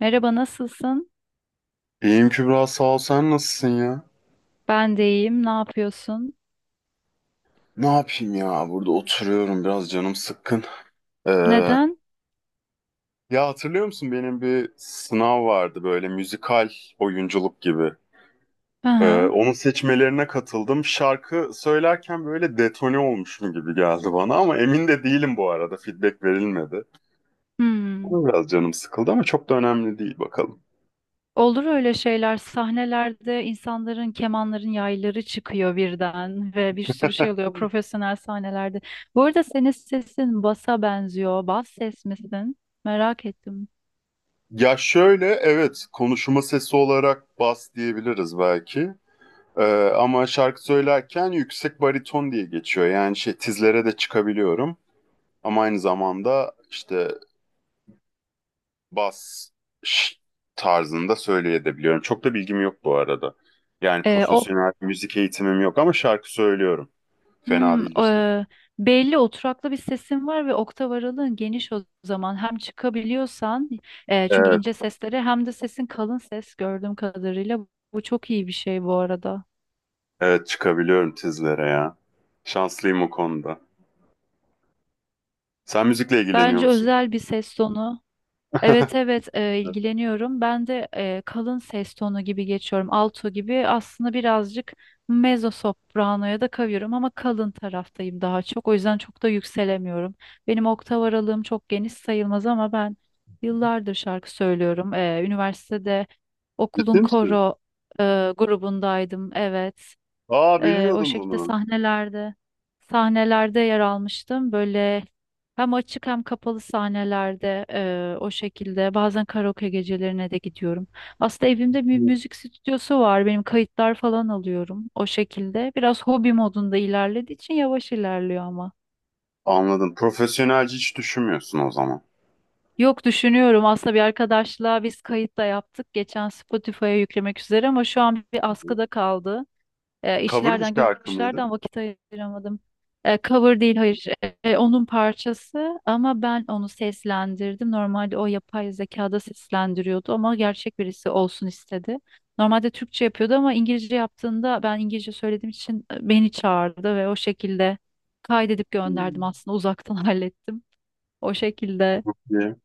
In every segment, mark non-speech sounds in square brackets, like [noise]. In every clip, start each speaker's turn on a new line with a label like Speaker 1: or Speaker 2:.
Speaker 1: Merhaba, nasılsın?
Speaker 2: İyiyim Kübra sağ ol, sen nasılsın ya?
Speaker 1: Ben de iyiyim. Ne yapıyorsun?
Speaker 2: Ne yapayım ya, burada oturuyorum, biraz canım sıkkın. Ee,
Speaker 1: Neden?
Speaker 2: Ya hatırlıyor musun, benim bir sınav vardı, böyle müzikal oyunculuk gibi.
Speaker 1: Hı hı.
Speaker 2: Onun seçmelerine katıldım. Şarkı söylerken böyle detone olmuşum gibi geldi bana, ama emin de değilim, bu arada feedback verilmedi.
Speaker 1: Hmm.
Speaker 2: Ona biraz canım sıkıldı, ama çok da önemli değil, bakalım.
Speaker 1: Olur öyle şeyler. Sahnelerde insanların, kemanların yayları çıkıyor birden ve bir sürü şey oluyor profesyonel sahnelerde. Bu arada senin sesin basa benziyor. Bas ses misin? Merak ettim.
Speaker 2: Ya şöyle, evet, konuşma sesi olarak bas diyebiliriz belki. Ee, Ama şarkı söylerken yüksek bariton diye geçiyor. Yani şey, tizlere de çıkabiliyorum. Ama aynı zamanda işte bas ş- tarzında söyleyebiliyorum. Çok da bilgim yok bu arada. Yani
Speaker 1: O
Speaker 2: profesyonel müzik eğitimim yok ama şarkı söylüyorum. Fena
Speaker 1: Hmm,
Speaker 2: değildirsin.
Speaker 1: e, Belli oturaklı bir sesin var ve oktav aralığın geniş o zaman. Hem çıkabiliyorsan çünkü
Speaker 2: Evet,
Speaker 1: ince sesleri hem de sesin kalın ses gördüğüm kadarıyla bu çok iyi bir şey bu arada.
Speaker 2: evet, çıkabiliyorum tizlere ya. Şanslıyım o konuda. Sen müzikle ilgileniyor
Speaker 1: Bence
Speaker 2: musun?
Speaker 1: özel bir ses tonu. Evet
Speaker 2: [laughs]
Speaker 1: evet e, ilgileniyorum. Ben de kalın ses tonu gibi geçiyorum. Alto gibi aslında birazcık mezzo sopranoya da kavuyorum ama kalın taraftayım daha çok. O yüzden çok da yükselemiyorum. Benim oktav aralığım çok geniş sayılmaz ama ben yıllardır şarkı söylüyorum. E, üniversitede
Speaker 2: Ciddi
Speaker 1: okulun
Speaker 2: misin?
Speaker 1: koro e, grubundaydım. Evet.
Speaker 2: Aa,
Speaker 1: O
Speaker 2: bilmiyordum
Speaker 1: şekilde
Speaker 2: bunu.
Speaker 1: sahnelerde yer almıştım. Böyle hem açık hem kapalı sahnelerde o şekilde bazen karaoke gecelerine de gidiyorum. Aslında evimde bir müzik stüdyosu var. Benim kayıtlar falan alıyorum o şekilde. Biraz hobi modunda ilerlediği için yavaş ilerliyor ama.
Speaker 2: Anladım. Profesyonelce hiç düşünmüyorsun o zaman.
Speaker 1: Yok düşünüyorum aslında bir arkadaşla biz kayıt da yaptık. Geçen Spotify'a yüklemek üzere ama şu an bir askıda kaldı. E,
Speaker 2: Cover bir
Speaker 1: işlerden
Speaker 2: şarkı mıydı?
Speaker 1: güçlerden vakit ayıramadım. E, cover değil hayır. E, onun parçası ama ben onu seslendirdim. Normalde o yapay zekada seslendiriyordu ama gerçek birisi olsun istedi. Normalde Türkçe yapıyordu ama İngilizce yaptığında ben İngilizce söylediğim için beni çağırdı ve o şekilde kaydedip
Speaker 2: Hmm.
Speaker 1: gönderdim aslında uzaktan [laughs] hallettim. O şekilde
Speaker 2: Niye?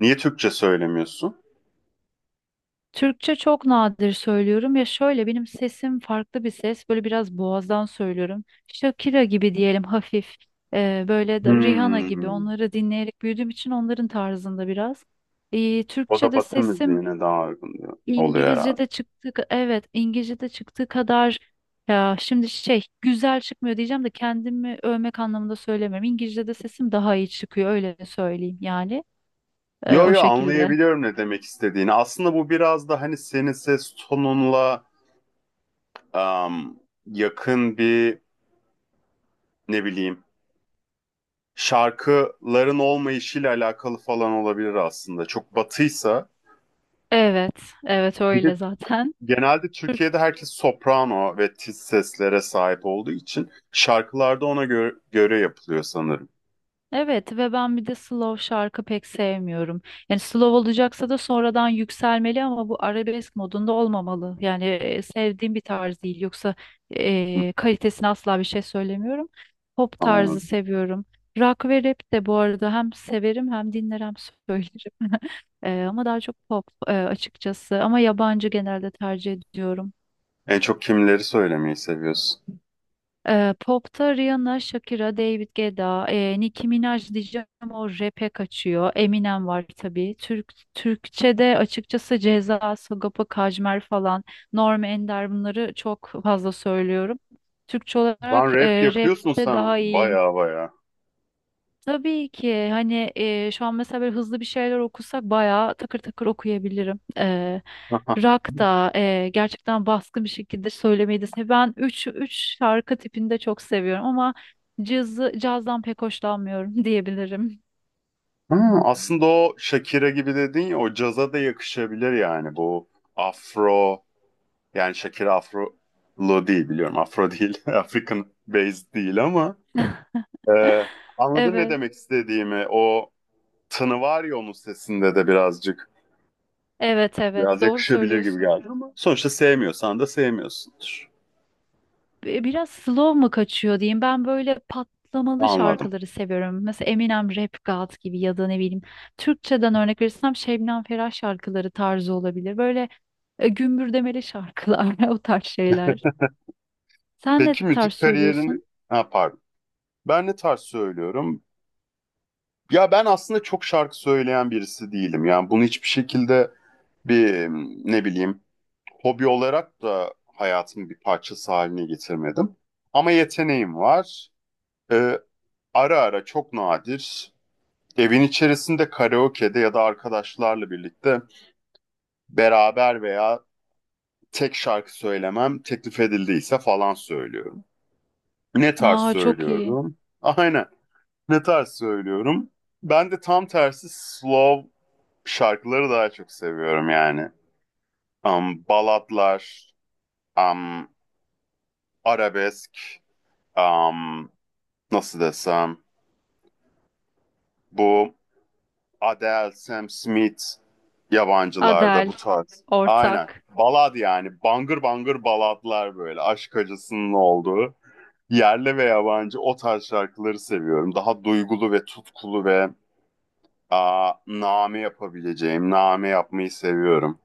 Speaker 2: Niye Türkçe söylemiyorsun?
Speaker 1: Türkçe çok nadir söylüyorum ya şöyle benim sesim farklı bir ses böyle biraz boğazdan söylüyorum. Shakira gibi diyelim hafif böyle de Rihanna gibi
Speaker 2: Hmm.
Speaker 1: onları dinleyerek büyüdüğüm için onların tarzında biraz. E,
Speaker 2: O da
Speaker 1: Türkçe'de
Speaker 2: Batı
Speaker 1: sesim
Speaker 2: müziğine daha uygun diyor- oluyor herhalde.
Speaker 1: İngilizce'de çıktı, evet, İngilizce'de çıktığı kadar ya şimdi şey güzel çıkmıyor diyeceğim de kendimi övmek anlamında söylemiyorum. İngilizce'de sesim daha iyi çıkıyor öyle söyleyeyim yani. E,
Speaker 2: Yo
Speaker 1: o
Speaker 2: yo,
Speaker 1: şekilde.
Speaker 2: anlayabiliyorum ne demek istediğini. Aslında bu biraz da hani, senin ses tonunla am, yakın bir, ne bileyim, şarkıların olmayışıyla alakalı falan olabilir aslında. Çok batıysa,
Speaker 1: Evet, evet,
Speaker 2: bir de
Speaker 1: öyle zaten.
Speaker 2: genelde Türkiye'de herkes soprano ve tiz seslere sahip olduğu için şarkılarda ona göre yapılıyor sanırım.
Speaker 1: Evet ve ben bir de slow şarkı pek sevmiyorum. Yani slow olacaksa da sonradan yükselmeli ama bu arabesk modunda olmamalı. Yani sevdiğim bir tarz değil. Yoksa kalitesine asla bir şey söylemiyorum. Pop tarzı
Speaker 2: Anladım.
Speaker 1: seviyorum. Rock ve rap de bu arada hem severim hem dinler hem söylerim. [laughs] E, ama daha çok pop açıkçası. Ama yabancı genelde tercih ediyorum.
Speaker 2: En çok kimleri söylemeyi seviyorsun?
Speaker 1: Pop'ta Rihanna, Shakira, David Guetta, Nicki Minaj diyeceğim o rap'e kaçıyor. Eminem var tabii. Türk, Türkçe'de açıkçası Ceza, Sagopa Kajmer falan, Norm Ender bunları çok fazla söylüyorum. Türkçe
Speaker 2: Lan,
Speaker 1: olarak
Speaker 2: rap yapıyorsun
Speaker 1: rap'te
Speaker 2: sen.
Speaker 1: daha iyiyim.
Speaker 2: Baya baya.
Speaker 1: Tabii ki hani şu an mesela böyle hızlı bir şeyler okusak bayağı takır takır okuyabilirim. E,
Speaker 2: [laughs]
Speaker 1: rock da gerçekten baskın bir şekilde söylemeyi de sev- Ben üç şarkı tipini de çok seviyorum ama cazdan pek hoşlanmıyorum [laughs] diyebilirim.
Speaker 2: Ha, aslında o Shakira gibi dedin ya, o caza da yakışabilir yani, bu afro, yani Shakira afrolu değil, biliyorum afro değil [laughs] African based değil, ama e,
Speaker 1: [laughs]
Speaker 2: anladın ne
Speaker 1: Evet.
Speaker 2: demek istediğimi, o tını var ya onun sesinde de birazcık,
Speaker 1: Evet, evet,
Speaker 2: biraz
Speaker 1: doğru
Speaker 2: yakışabilir gibi
Speaker 1: söylüyorsun.
Speaker 2: geldi, ama sonuçta sevmiyorsan da sevmiyorsundur.
Speaker 1: Bi- Biraz slow mu kaçıyor diyeyim. Ben böyle patlamalı
Speaker 2: Anladım.
Speaker 1: şarkıları seviyorum. Mesela Eminem Rap God gibi ya da ne bileyim Türkçeden örnek verirsem Şebnem Ferah şarkıları tarzı olabilir. Böyle gümbürdemeli şarkılar, [laughs] o tarz şeyler. Sen ne
Speaker 2: Peki
Speaker 1: tarz
Speaker 2: müzik kariyerini,
Speaker 1: söylüyorsun?
Speaker 2: ha pardon, ben ne tarz söylüyorum? Ya ben aslında çok şarkı söyleyen birisi değilim. Yani bunu hiçbir şekilde bir, ne bileyim, hobi olarak da hayatımın bir parçası haline getirmedim. Ama yeteneğim var. Ee, Ara ara, çok nadir, evin içerisinde karaoke'de ya da arkadaşlarla birlikte beraber veya tek, şarkı söylemem teklif edildiyse falan söylüyorum. Ne tarz
Speaker 1: Aa, çok iyi.
Speaker 2: söylüyorum? Aynen. Ne tarz söylüyorum? Ben de tam tersi, slow şarkıları daha çok seviyorum yani. Balatlar, um, arabesk, um, nasıl desem, bu Adele, Sam Smith, yabancılarda bu
Speaker 1: Adele,
Speaker 2: tarz. Aynen.
Speaker 1: ortak.
Speaker 2: Balad yani. Bangır bangır baladlar böyle. Aşk acısının olduğu. Yerli ve yabancı o tarz şarkıları seviyorum. Daha duygulu ve tutkulu ve name yapabileceğim, name yapmayı seviyorum.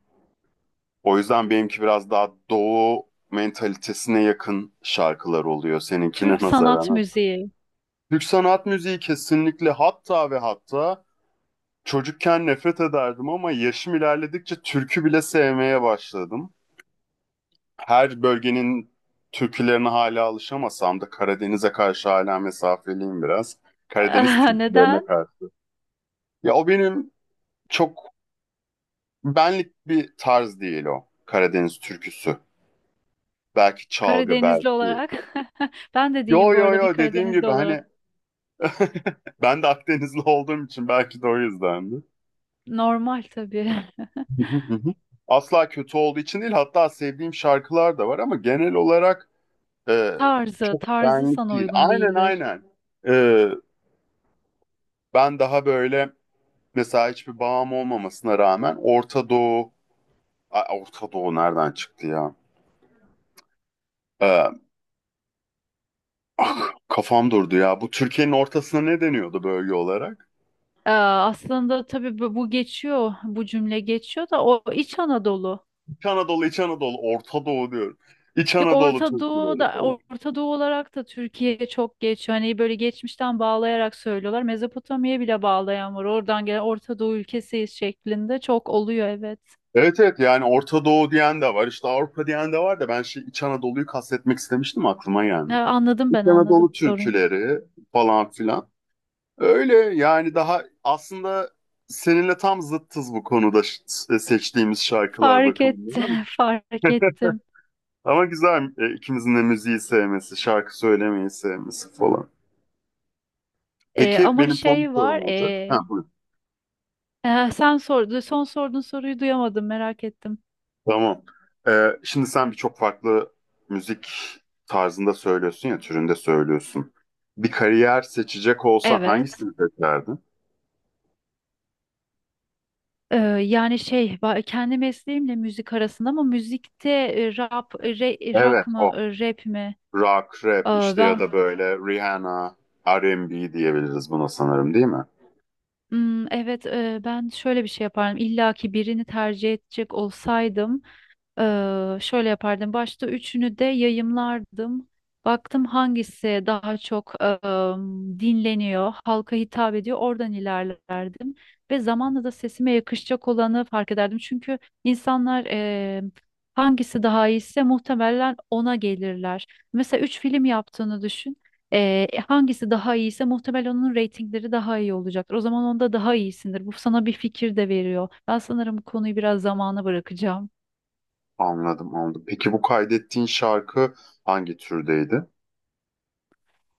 Speaker 2: O yüzden benimki biraz daha doğu mentalitesine yakın şarkılar oluyor seninkine [laughs]
Speaker 1: Türk sanat
Speaker 2: nazaran.
Speaker 1: müziği. [laughs]
Speaker 2: Türk sanat müziği kesinlikle, hatta ve hatta çocukken nefret ederdim, ama yaşım ilerledikçe türkü bile sevmeye başladım. Her bölgenin türkülerine hala alışamasam da Karadeniz'e karşı hala mesafeliyim biraz. Karadeniz türkülerine
Speaker 1: Neden?
Speaker 2: karşı. Ya, o benim çok benlik bir tarz değil, o Karadeniz türküsü. Belki çalgı,
Speaker 1: Karadenizli
Speaker 2: belki...
Speaker 1: olarak. [laughs] Ben de
Speaker 2: Yo
Speaker 1: değilim bu
Speaker 2: yo
Speaker 1: arada bir
Speaker 2: yo, dediğim
Speaker 1: Karadenizli
Speaker 2: gibi
Speaker 1: olarak.
Speaker 2: hani [laughs] ben de Akdenizli olduğum için belki de o yüzdendi.
Speaker 1: Normal tabii.
Speaker 2: [laughs] Asla kötü olduğu için değil, hatta sevdiğim şarkılar da var, ama genel olarak e,
Speaker 1: [laughs] Tarzı,
Speaker 2: çok
Speaker 1: tarzı
Speaker 2: benlik
Speaker 1: sana
Speaker 2: değil.
Speaker 1: uygun
Speaker 2: Aynen,
Speaker 1: değildir.
Speaker 2: aynen. E, Ben daha böyle, mesela hiçbir bağım olmamasına rağmen Orta Doğu... Ay, Orta Doğu nereden çıktı ya? E, Kafam durdu ya. Bu Türkiye'nin ortasına ne deniyordu bölge olarak?
Speaker 1: Aa, aslında tabii bu geçiyor, bu cümle geçiyor da o İç Anadolu.
Speaker 2: İç Anadolu, İç Anadolu, Orta Doğu diyorum. İç
Speaker 1: Yok,
Speaker 2: Anadolu
Speaker 1: Orta Doğu
Speaker 2: türküleri
Speaker 1: da,
Speaker 2: falan.
Speaker 1: Orta Doğu olarak da Türkiye çok geçiyor. Hani böyle geçmişten bağlayarak söylüyorlar. Mezopotamya'ya bile bağlayan var. Oradan gelen Orta Doğu ülkesiyiz şeklinde çok oluyor, evet.
Speaker 2: Evet, evet, yani Orta Doğu diyen de var işte, Avrupa diyen de var da, ben şey, İç Anadolu'yu kastetmek istemiştim, aklıma
Speaker 1: Ha,
Speaker 2: gelmedi.
Speaker 1: anladım,
Speaker 2: İç
Speaker 1: ben anladım
Speaker 2: Anadolu
Speaker 1: soruyu.
Speaker 2: türküleri falan filan. Öyle yani, daha aslında seninle tam zıttız bu konuda, seçtiğimiz şarkılar
Speaker 1: Fark
Speaker 2: bakımından.
Speaker 1: ettim
Speaker 2: Ama
Speaker 1: [laughs] fark ettim.
Speaker 2: ama güzel, ikimizin de müziği sevmesi, şarkı söylemeyi sevmesi falan. Peki
Speaker 1: Ama
Speaker 2: benim son bir
Speaker 1: şey var
Speaker 2: sorum olacak. Ha, buyur.
Speaker 1: e, sen sordu son sorduğun soruyu duyamadım, merak ettim.
Speaker 2: Tamam. Şimdi sen birçok farklı müzik tarzında söylüyorsun ya, türünde söylüyorsun. Bir kariyer seçecek olsan
Speaker 1: Evet.
Speaker 2: hangisini seçerdin?
Speaker 1: Ee, Yani şey ba- kendi mesleğimle müzik arasında ama müzikte rap, re-
Speaker 2: Evet,
Speaker 1: rock mı
Speaker 2: o.
Speaker 1: rap mi?
Speaker 2: Rock, rap
Speaker 1: Aa,
Speaker 2: işte, ya
Speaker 1: ben
Speaker 2: da böyle Rihanna, R&B diyebiliriz buna sanırım, değil mi?
Speaker 1: Ben şöyle bir şey yapardım. İlla ki birini tercih edecek olsaydım, e, şöyle yapardım. Başta üçünü de yayımlardım. Baktım hangisi daha çok dinleniyor, halka hitap ediyor, oradan ilerlerdim. Ve zamanla da sesime yakışacak olanı fark ederdim. Çünkü insanlar hangisi daha iyiyse muhtemelen ona gelirler. Mesela üç film yaptığını düşün. Hangisi daha iyiyse muhtemelen onun reytingleri daha iyi olacaktır. O zaman onda daha iyisindir. Bu sana bir fikir de veriyor. Ben sanırım bu konuyu biraz zamana bırakacağım.
Speaker 2: Anladım, anladım. Peki bu kaydettiğin şarkı hangi türdeydi?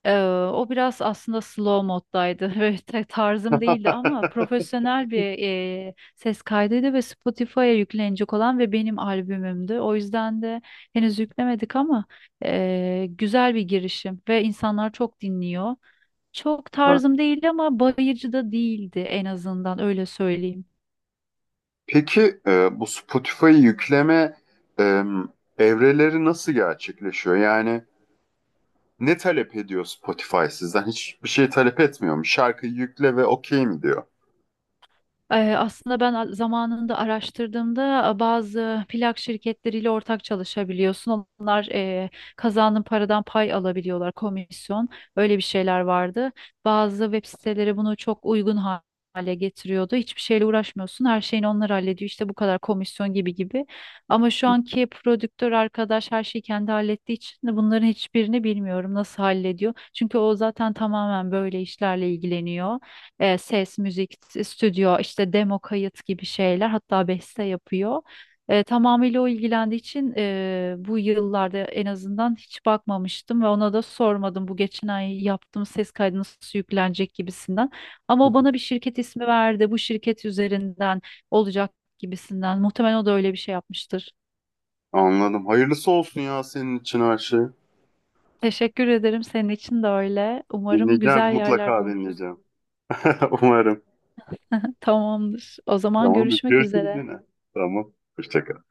Speaker 1: Ee, o biraz aslında slow moddaydı. [laughs] Böyle ta- tarzım değildi ama
Speaker 2: [laughs]
Speaker 1: profesyonel bir ses kaydıydı ve Spotify'a yüklenecek olan ve benim albümümdü. O yüzden de henüz yüklemedik ama güzel bir girişim ve insanlar çok dinliyor. Çok
Speaker 2: Ha.
Speaker 1: tarzım değildi ama bayıcı da değildi en azından öyle söyleyeyim.
Speaker 2: Peki bu Spotify yükleme e, evreleri nasıl gerçekleşiyor? Yani, ne talep ediyor Spotify sizden? Hiçbir şey talep etmiyor mu? Şarkıyı yükle ve okey mi diyor?
Speaker 1: Aslında ben a- zamanında araştırdığımda, bazı plak şirketleriyle ortak çalışabiliyorsun. Onlar kazandığın paradan pay alabiliyorlar, komisyon. Öyle bir şeyler vardı. Bazı web siteleri bunu çok uygun ha- hale getiriyordu. Hiçbir şeyle uğraşmıyorsun. Her şeyini onlar hallediyor. İşte bu kadar komisyon gibi gibi. Ama şu anki prodüktör arkadaş her şeyi kendi hallettiği için de bunların hiçbirini bilmiyorum nasıl hallediyor. Çünkü o zaten tamamen böyle işlerle ilgileniyor. Ses, müzik, s- stüdyo, işte demo kayıt gibi şeyler, hatta beste yapıyor. E, tamamıyla o ilgilendiği için bu yıllarda en azından hiç bakmamıştım ve ona da sormadım bu geçen ay yaptığım ses kaydı nasıl yüklenecek gibisinden. Ama o bana bir
Speaker 2: [laughs]
Speaker 1: şirket ismi verdi. Bu şirket üzerinden olacak gibisinden. Muhtemelen o da öyle bir şey yapmıştır.
Speaker 2: Anladım. Hayırlısı olsun ya, senin için her şey.
Speaker 1: Teşekkür ederim. Senin için de öyle. Umarım
Speaker 2: Dinleyeceğim.
Speaker 1: güzel yerlerde
Speaker 2: Mutlaka
Speaker 1: oluruz.
Speaker 2: dinleyeceğim. [laughs] Umarım.
Speaker 1: [laughs] Tamamdır. O zaman
Speaker 2: Tamam.
Speaker 1: görüşmek
Speaker 2: Görüşürüz
Speaker 1: üzere.
Speaker 2: yine. Tamam. Hoşça kal.